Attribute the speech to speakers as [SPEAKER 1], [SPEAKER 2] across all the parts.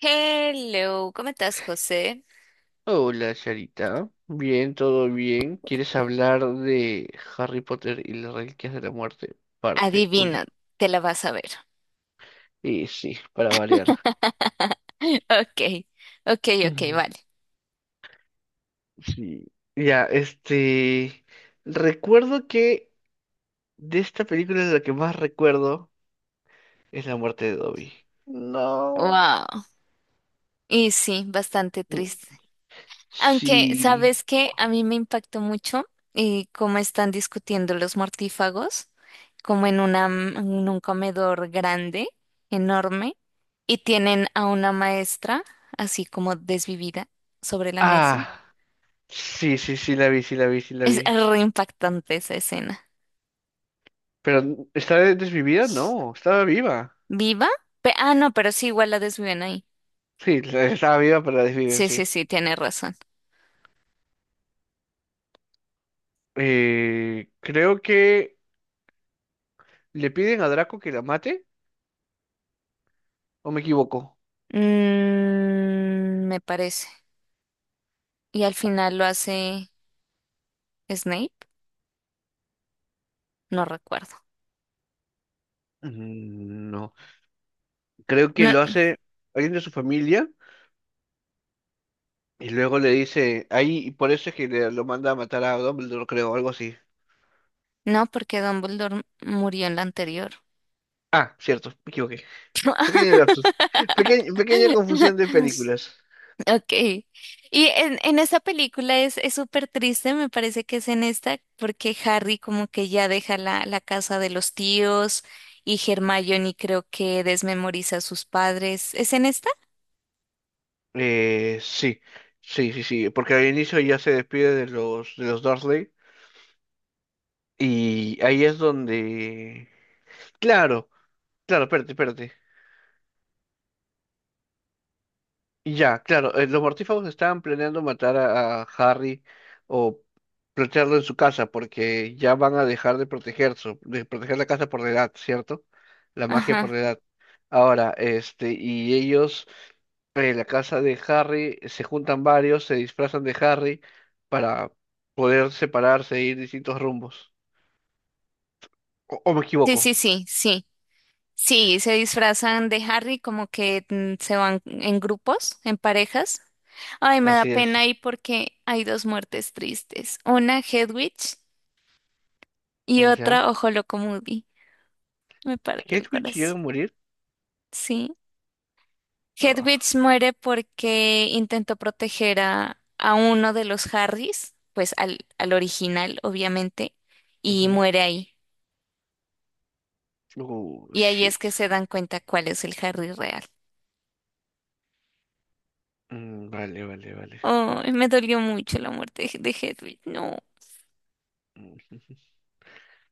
[SPEAKER 1] Hello, ¿cómo estás, José?
[SPEAKER 2] Hola, Charita. Bien, todo bien. ¿Quieres hablar de Harry Potter y las Reliquias de la Muerte, parte uno?
[SPEAKER 1] Adivina, te la vas a ver.
[SPEAKER 2] Y sí, para variar.
[SPEAKER 1] Ok, ok, ok,
[SPEAKER 2] Mm,
[SPEAKER 1] vale.
[SPEAKER 2] sí. Ya, Recuerdo que de esta película lo que más recuerdo es la muerte de Dobby. No.
[SPEAKER 1] Wow. Y sí, bastante
[SPEAKER 2] Mm,
[SPEAKER 1] triste. Aunque,
[SPEAKER 2] sí.
[SPEAKER 1] ¿sabes qué? A mí me impactó mucho y cómo están discutiendo los mortífagos, como en un comedor grande, enorme, y tienen a una maestra, así como desvivida, sobre la mesa.
[SPEAKER 2] Ah, sí, sí, sí, la vi, sí, la vi, sí, la
[SPEAKER 1] Es
[SPEAKER 2] vi.
[SPEAKER 1] re impactante esa escena.
[SPEAKER 2] Pero, ¿estaba desvivida? No, estaba viva.
[SPEAKER 1] ¿Viva? No, pero sí, igual la desviven ahí.
[SPEAKER 2] Sí, estaba viva, pero la desviven,
[SPEAKER 1] Sí,
[SPEAKER 2] sí.
[SPEAKER 1] sí, sí, tiene razón.
[SPEAKER 2] Creo que le piden a Draco que la mate, ¿o me equivoco?
[SPEAKER 1] Mm, me parece. Y al final lo hace Snape, no recuerdo.
[SPEAKER 2] Mm, no, creo que
[SPEAKER 1] No,
[SPEAKER 2] lo hace alguien de su familia y luego le dice ahí, y por eso es que lo manda a matar a Dumbledore, creo, algo así.
[SPEAKER 1] no, porque Dumbledore murió en la anterior.
[SPEAKER 2] Ah, cierto, me equivoqué. Pequeño lapsus. Pequeña confusión de películas.
[SPEAKER 1] Ok. Y en esa película es súper triste, me parece que es en esta, porque Harry como que ya deja la casa de los tíos y Hermione creo que desmemoriza a sus padres. ¿Es en esta?
[SPEAKER 2] Sí, sí, sí, sí, porque al inicio ya se despide de los Dursley y ahí es donde. Claro, claro, espérate, espérate. Y ya, claro, los mortífagos estaban planeando matar a Harry o plantearlo en su casa porque ya van a dejar de protegerse, de proteger la casa por la edad, ¿cierto? La magia por
[SPEAKER 1] Ajá.
[SPEAKER 2] la edad. Ahora, y ellos, en la casa de Harry, se juntan varios, se disfrazan de Harry para poder separarse e ir distintos rumbos. O me
[SPEAKER 1] Sí,
[SPEAKER 2] equivoco.
[SPEAKER 1] sí, sí, sí. Sí, se disfrazan de Harry como que se van en grupos, en parejas. Ay, me da
[SPEAKER 2] Así
[SPEAKER 1] pena
[SPEAKER 2] es.
[SPEAKER 1] ahí porque hay dos muertes tristes. Una Hedwig y
[SPEAKER 2] Ya.
[SPEAKER 1] otra Moody. Me parte el
[SPEAKER 2] ¿Hedwig llega a
[SPEAKER 1] corazón.
[SPEAKER 2] morir?
[SPEAKER 1] Sí. Hedwig
[SPEAKER 2] Ah,
[SPEAKER 1] muere porque intentó proteger a uno de los Harrys, pues al original, obviamente, y
[SPEAKER 2] ujú.
[SPEAKER 1] muere ahí.
[SPEAKER 2] Oh,
[SPEAKER 1] Y ahí es que
[SPEAKER 2] shit.
[SPEAKER 1] se dan cuenta cuál es el Harry real.
[SPEAKER 2] Mm, vale, vale, vale.
[SPEAKER 1] Ay, me dolió mucho la muerte de Hedwig. No.
[SPEAKER 2] Ujú.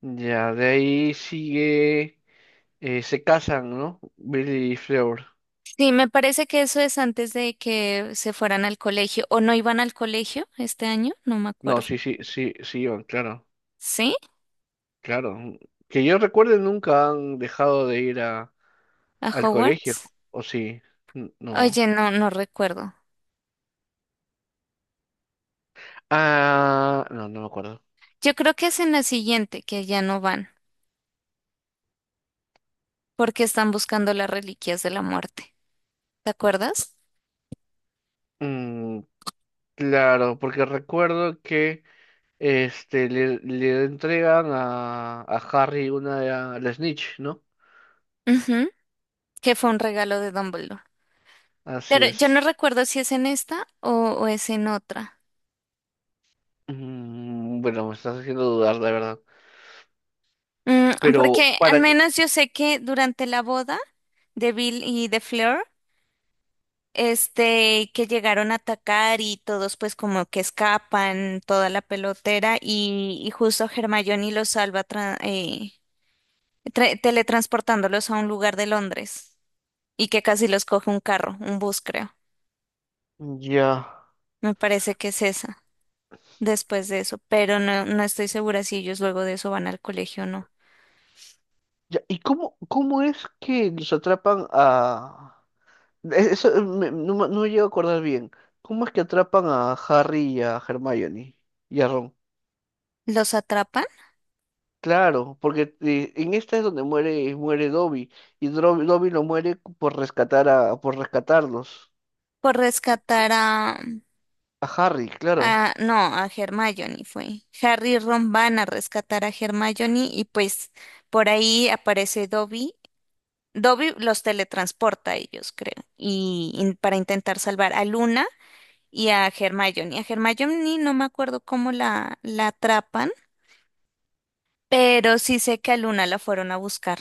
[SPEAKER 2] Ya, de ahí sigue. Se casan, ¿no? Billy y Fleur.
[SPEAKER 1] Sí, me parece que eso es antes de que se fueran al colegio o no iban al colegio este año, no me
[SPEAKER 2] No,
[SPEAKER 1] acuerdo.
[SPEAKER 2] sí, sí, sí, sí, van, claro,
[SPEAKER 1] ¿Sí?
[SPEAKER 2] claro. Que yo recuerde, nunca han dejado de ir
[SPEAKER 1] ¿A
[SPEAKER 2] al colegio,
[SPEAKER 1] Hogwarts?
[SPEAKER 2] ¿o sí? No.
[SPEAKER 1] Oye, no, no recuerdo.
[SPEAKER 2] Ah, no, no me acuerdo.
[SPEAKER 1] Yo creo que es en la siguiente que ya no van porque están buscando las reliquias de la muerte. ¿Te acuerdas?
[SPEAKER 2] Mm, claro, porque recuerdo que le entregan a Harry una de la Snitch, ¿no?
[SPEAKER 1] Ujú, que fue un regalo de Dumbledore.
[SPEAKER 2] Así
[SPEAKER 1] Pero yo no
[SPEAKER 2] es.
[SPEAKER 1] recuerdo si es en esta o es en otra.
[SPEAKER 2] Mm, bueno, me estás haciendo dudar, la verdad.
[SPEAKER 1] Mm,
[SPEAKER 2] Pero
[SPEAKER 1] porque al
[SPEAKER 2] para que.
[SPEAKER 1] menos yo sé que durante la boda de Bill y de Fleur, este, que llegaron a atacar y todos pues como que escapan toda la pelotera y justo Hermione los salva teletransportándolos a un lugar de Londres y que casi los coge un carro, un bus creo.
[SPEAKER 2] Ya.
[SPEAKER 1] Me parece que es esa, después de eso, pero no, no estoy segura si ellos luego de eso van al colegio o no.
[SPEAKER 2] Ya. ¿Y cómo es que los atrapan a. Eso, no, no me llego a acordar bien. ¿Cómo es que atrapan a Harry y a Hermione y a Ron?
[SPEAKER 1] ¿Los atrapan?
[SPEAKER 2] Claro, porque en esta es donde muere Dobby. Y Dobby lo muere por rescatar por rescatarlos.
[SPEAKER 1] Por rescatar a...
[SPEAKER 2] A Harry, claro.
[SPEAKER 1] Ah, no, a Hermione fue. Harry y Ron van a rescatar a Hermione y pues por ahí aparece Dobby. Dobby los teletransporta a ellos, creo, y para intentar salvar a Luna y a Hermione. A Hermione no me acuerdo cómo la atrapan, pero sí sé que a Luna la fueron a buscar,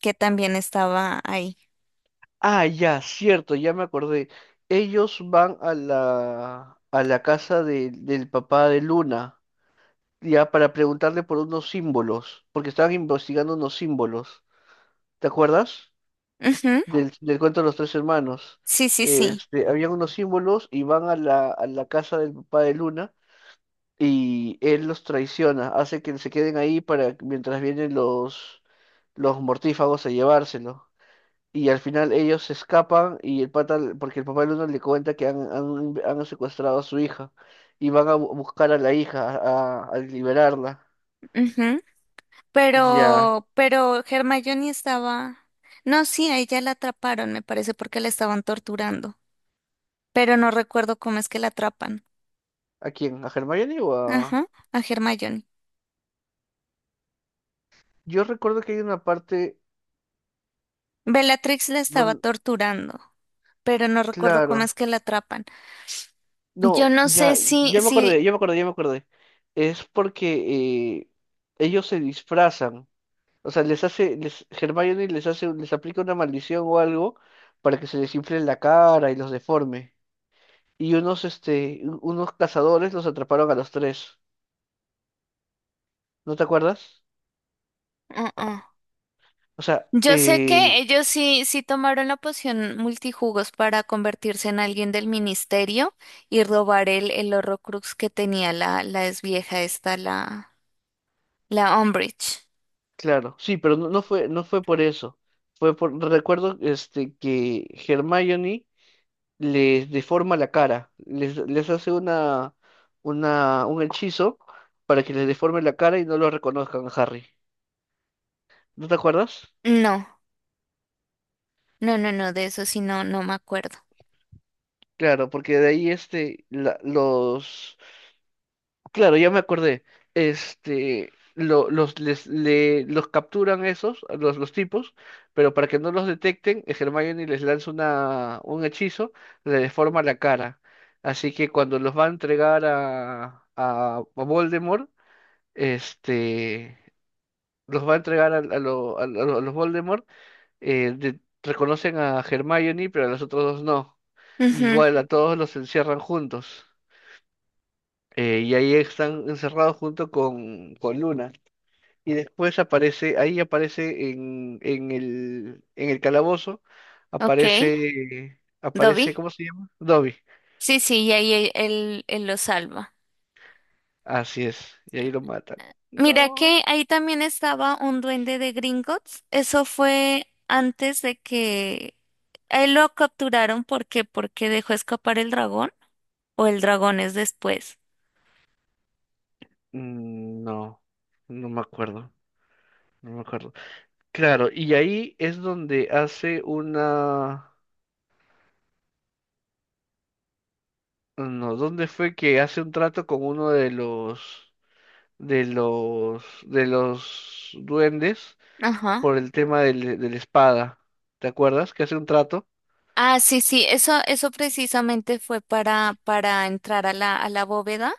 [SPEAKER 1] que también estaba ahí.
[SPEAKER 2] Ah, ya, cierto, ya me acordé. Ellos van a la casa del papá de Luna, ya para preguntarle por unos símbolos, porque estaban investigando unos símbolos. ¿Te acuerdas?
[SPEAKER 1] Ujú,
[SPEAKER 2] Del cuento de los tres hermanos.
[SPEAKER 1] sí, sí, sí.
[SPEAKER 2] Habían unos símbolos y van a la casa del papá de Luna y él los traiciona, hace que se queden ahí para mientras vienen los mortífagos a llevárselo. Y al final ellos se escapan y el pata, porque el papá del uno le cuenta que han secuestrado a su hija y van a buscar a la hija, a liberarla. Ya,
[SPEAKER 1] Pero Hermione estaba. No, sí, a ella la atraparon, me parece, porque la estaban torturando. Pero no recuerdo cómo es que la atrapan.
[SPEAKER 2] ¿a quién? ¿A Hermione o a?
[SPEAKER 1] Ajá, a Hermione.
[SPEAKER 2] Yo recuerdo que hay una parte
[SPEAKER 1] Bellatrix la estaba
[SPEAKER 2] donde.
[SPEAKER 1] torturando, pero no recuerdo cómo
[SPEAKER 2] Claro.
[SPEAKER 1] es que la atrapan. Yo
[SPEAKER 2] No,
[SPEAKER 1] no sé
[SPEAKER 2] ya, ya me acordé,
[SPEAKER 1] si.
[SPEAKER 2] ya me acordé, ya me acordé. Es porque ellos se disfrazan. O sea, Hermione les aplica una maldición o algo para que se les infle la cara y los deforme. Y unos cazadores los atraparon a los tres. ¿No te acuerdas?
[SPEAKER 1] uh, uh.
[SPEAKER 2] O sea,
[SPEAKER 1] Yo sé que ellos sí, sí tomaron la poción multijugos para convertirse en alguien del ministerio y robar el Horrocrux que tenía la ex vieja esta, la, la Umbridge.
[SPEAKER 2] claro, sí, pero no, no fue por eso. Fue por, recuerdo, que Hermione les deforma la cara, les hace un hechizo para que les deforme la cara y no lo reconozcan a Harry. ¿No te acuerdas?
[SPEAKER 1] No, no, no, no, de eso sí no, no me acuerdo.
[SPEAKER 2] Claro, porque de ahí. Este, la- los Claro, ya me acordé. Los capturan esos, a los tipos, pero para que no los detecten, Hermione les lanza un hechizo, le deforma la cara. Así que cuando los va a entregar a Voldemort, este, los va a entregar a los Voldemort, reconocen a Hermione, pero a los otros dos no.
[SPEAKER 1] Ujú,
[SPEAKER 2] Igual a todos los encierran juntos y ahí están encerrados junto con Luna. Y después ahí aparece en el calabozo,
[SPEAKER 1] Ok,
[SPEAKER 2] aparece,
[SPEAKER 1] Dobby.
[SPEAKER 2] ¿cómo se llama? Dobby.
[SPEAKER 1] Sí, sí, y ahí él lo salva.
[SPEAKER 2] Así es, y ahí lo matan.
[SPEAKER 1] Mira
[SPEAKER 2] No,
[SPEAKER 1] que ahí también estaba un duende de Gringotts. Eso fue antes de que a él lo capturaron porque dejó escapar el dragón o el dragón es después.
[SPEAKER 2] No, no me acuerdo, no me acuerdo. Claro, y ahí es donde hace no, ¿dónde fue que hace un trato con uno de los duendes?
[SPEAKER 1] Ajá.
[SPEAKER 2] Por el tema de la espada. ¿Te acuerdas? Que hace un trato.
[SPEAKER 1] Ah, sí, sí, eso precisamente fue para entrar a a la bóveda,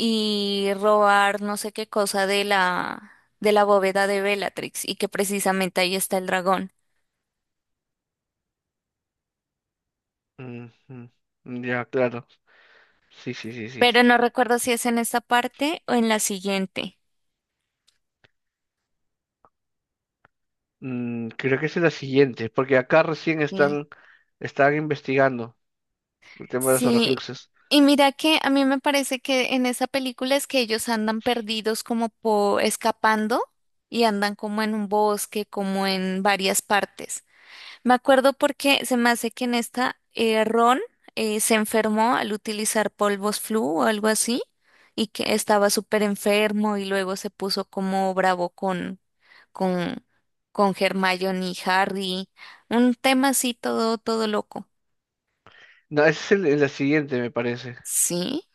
[SPEAKER 1] y robar no sé qué cosa de la bóveda de Bellatrix y que precisamente ahí está el dragón.
[SPEAKER 2] Ujú. Ya, claro. Sí, sí, sí, sí.
[SPEAKER 1] Pero no recuerdo si es en esta parte o en la siguiente.
[SPEAKER 2] Creo que esa es la siguiente, porque acá recién
[SPEAKER 1] Sí.
[SPEAKER 2] están investigando el tema de los
[SPEAKER 1] Sí.
[SPEAKER 2] Horrocruxes.
[SPEAKER 1] Y mira que a mí me parece que en esa película es que ellos andan perdidos como por escapando y andan como en un bosque, como en varias partes. Me acuerdo porque se me hace que en esta Ron se enfermó al utilizar polvos flu o algo así y que estaba súper enfermo y luego se puso como bravo con, con Hermione y Harry. Un tema así todo loco.
[SPEAKER 2] No, esa es la siguiente, me parece.
[SPEAKER 1] ¿Sí?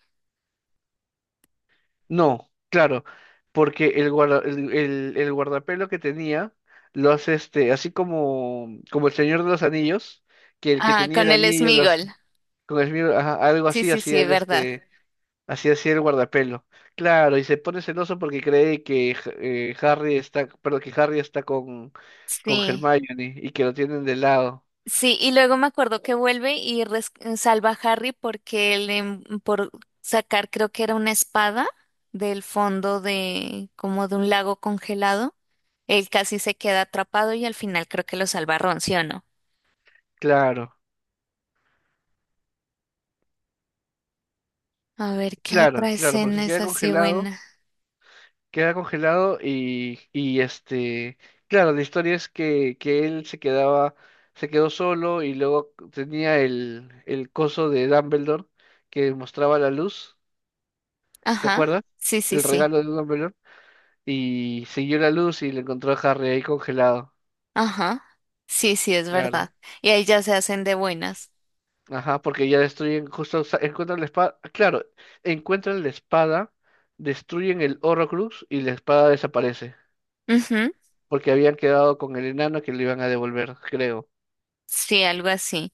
[SPEAKER 2] No, claro, porque el guardapelo que tenía lo hace así como el Señor de los Anillos, que el que
[SPEAKER 1] Ah,
[SPEAKER 2] tenía el
[SPEAKER 1] con el
[SPEAKER 2] anillo,
[SPEAKER 1] Smigol.
[SPEAKER 2] algo
[SPEAKER 1] Sí,
[SPEAKER 2] así
[SPEAKER 1] sí,
[SPEAKER 2] hacía
[SPEAKER 1] sí,
[SPEAKER 2] el
[SPEAKER 1] verdad.
[SPEAKER 2] este. Así hacía el guardapelo. Claro, y se pone celoso porque cree que Harry está, perdón, que Harry está con
[SPEAKER 1] Sí.
[SPEAKER 2] Hermione y que lo tienen de lado.
[SPEAKER 1] Sí, y luego me acuerdo que vuelve y salva a Harry porque él, por sacar, creo que era una espada del fondo de, como de un lago congelado, él casi se queda atrapado y al final creo que lo salva Ron, ¿sí o no?
[SPEAKER 2] Claro,
[SPEAKER 1] A ver, ¿qué
[SPEAKER 2] claro,
[SPEAKER 1] otra
[SPEAKER 2] claro, porque
[SPEAKER 1] escena
[SPEAKER 2] se
[SPEAKER 1] es
[SPEAKER 2] queda
[SPEAKER 1] así
[SPEAKER 2] congelado,
[SPEAKER 1] buena?
[SPEAKER 2] queda congelado y, claro, la historia es que él se quedó solo y luego tenía el coso de Dumbledore que mostraba la luz, ¿te
[SPEAKER 1] Ajá,
[SPEAKER 2] acuerdas?
[SPEAKER 1] sí, sí,
[SPEAKER 2] El
[SPEAKER 1] sí,
[SPEAKER 2] regalo de Dumbledore y siguió la luz y le encontró a Harry ahí congelado.
[SPEAKER 1] ajá, sí, sí, es
[SPEAKER 2] Claro.
[SPEAKER 1] verdad. Y ahí ya se hacen de buenas.
[SPEAKER 2] Ajá, porque ya destruyen justo, o encuentran la espada. Claro, encuentran la espada, destruyen el Horrocrux y la espada desaparece.
[SPEAKER 1] Ujú,
[SPEAKER 2] Porque habían quedado con el enano que le iban a devolver, creo.
[SPEAKER 1] sí, algo así.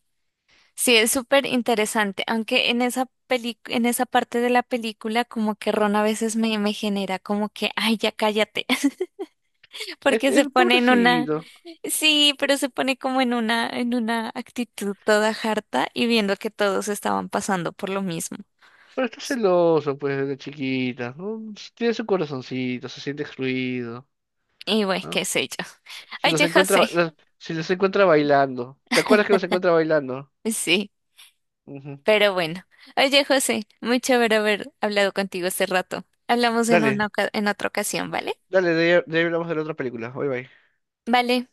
[SPEAKER 1] Sí, es súper interesante, aunque en esa en esa parte de la película como que Ron a veces me genera como que, ay, ya cállate,
[SPEAKER 2] Es,
[SPEAKER 1] porque
[SPEAKER 2] es
[SPEAKER 1] se pone en una,
[SPEAKER 2] pobrecito.
[SPEAKER 1] sí, pero se pone como en una actitud toda harta y viendo que todos estaban pasando por lo mismo.
[SPEAKER 2] Pero está celoso, pues, de chiquita, ¿no? Tiene su corazoncito, se siente excluido,
[SPEAKER 1] Y bueno, qué
[SPEAKER 2] ¿no?
[SPEAKER 1] sé yo.
[SPEAKER 2] Se los
[SPEAKER 1] Oye,
[SPEAKER 2] encuentra,
[SPEAKER 1] José,
[SPEAKER 2] los- se los encuentra bailando. ¿Te acuerdas que los encuentra bailando?
[SPEAKER 1] sí,
[SPEAKER 2] Ujú.
[SPEAKER 1] pero bueno. Oye, José, muy chévere haber hablado contigo este rato. Hablamos en una,
[SPEAKER 2] Dale,
[SPEAKER 1] en otra ocasión, ¿vale?
[SPEAKER 2] dale, de ahí hablamos de la otra película. Bye bye.
[SPEAKER 1] Vale.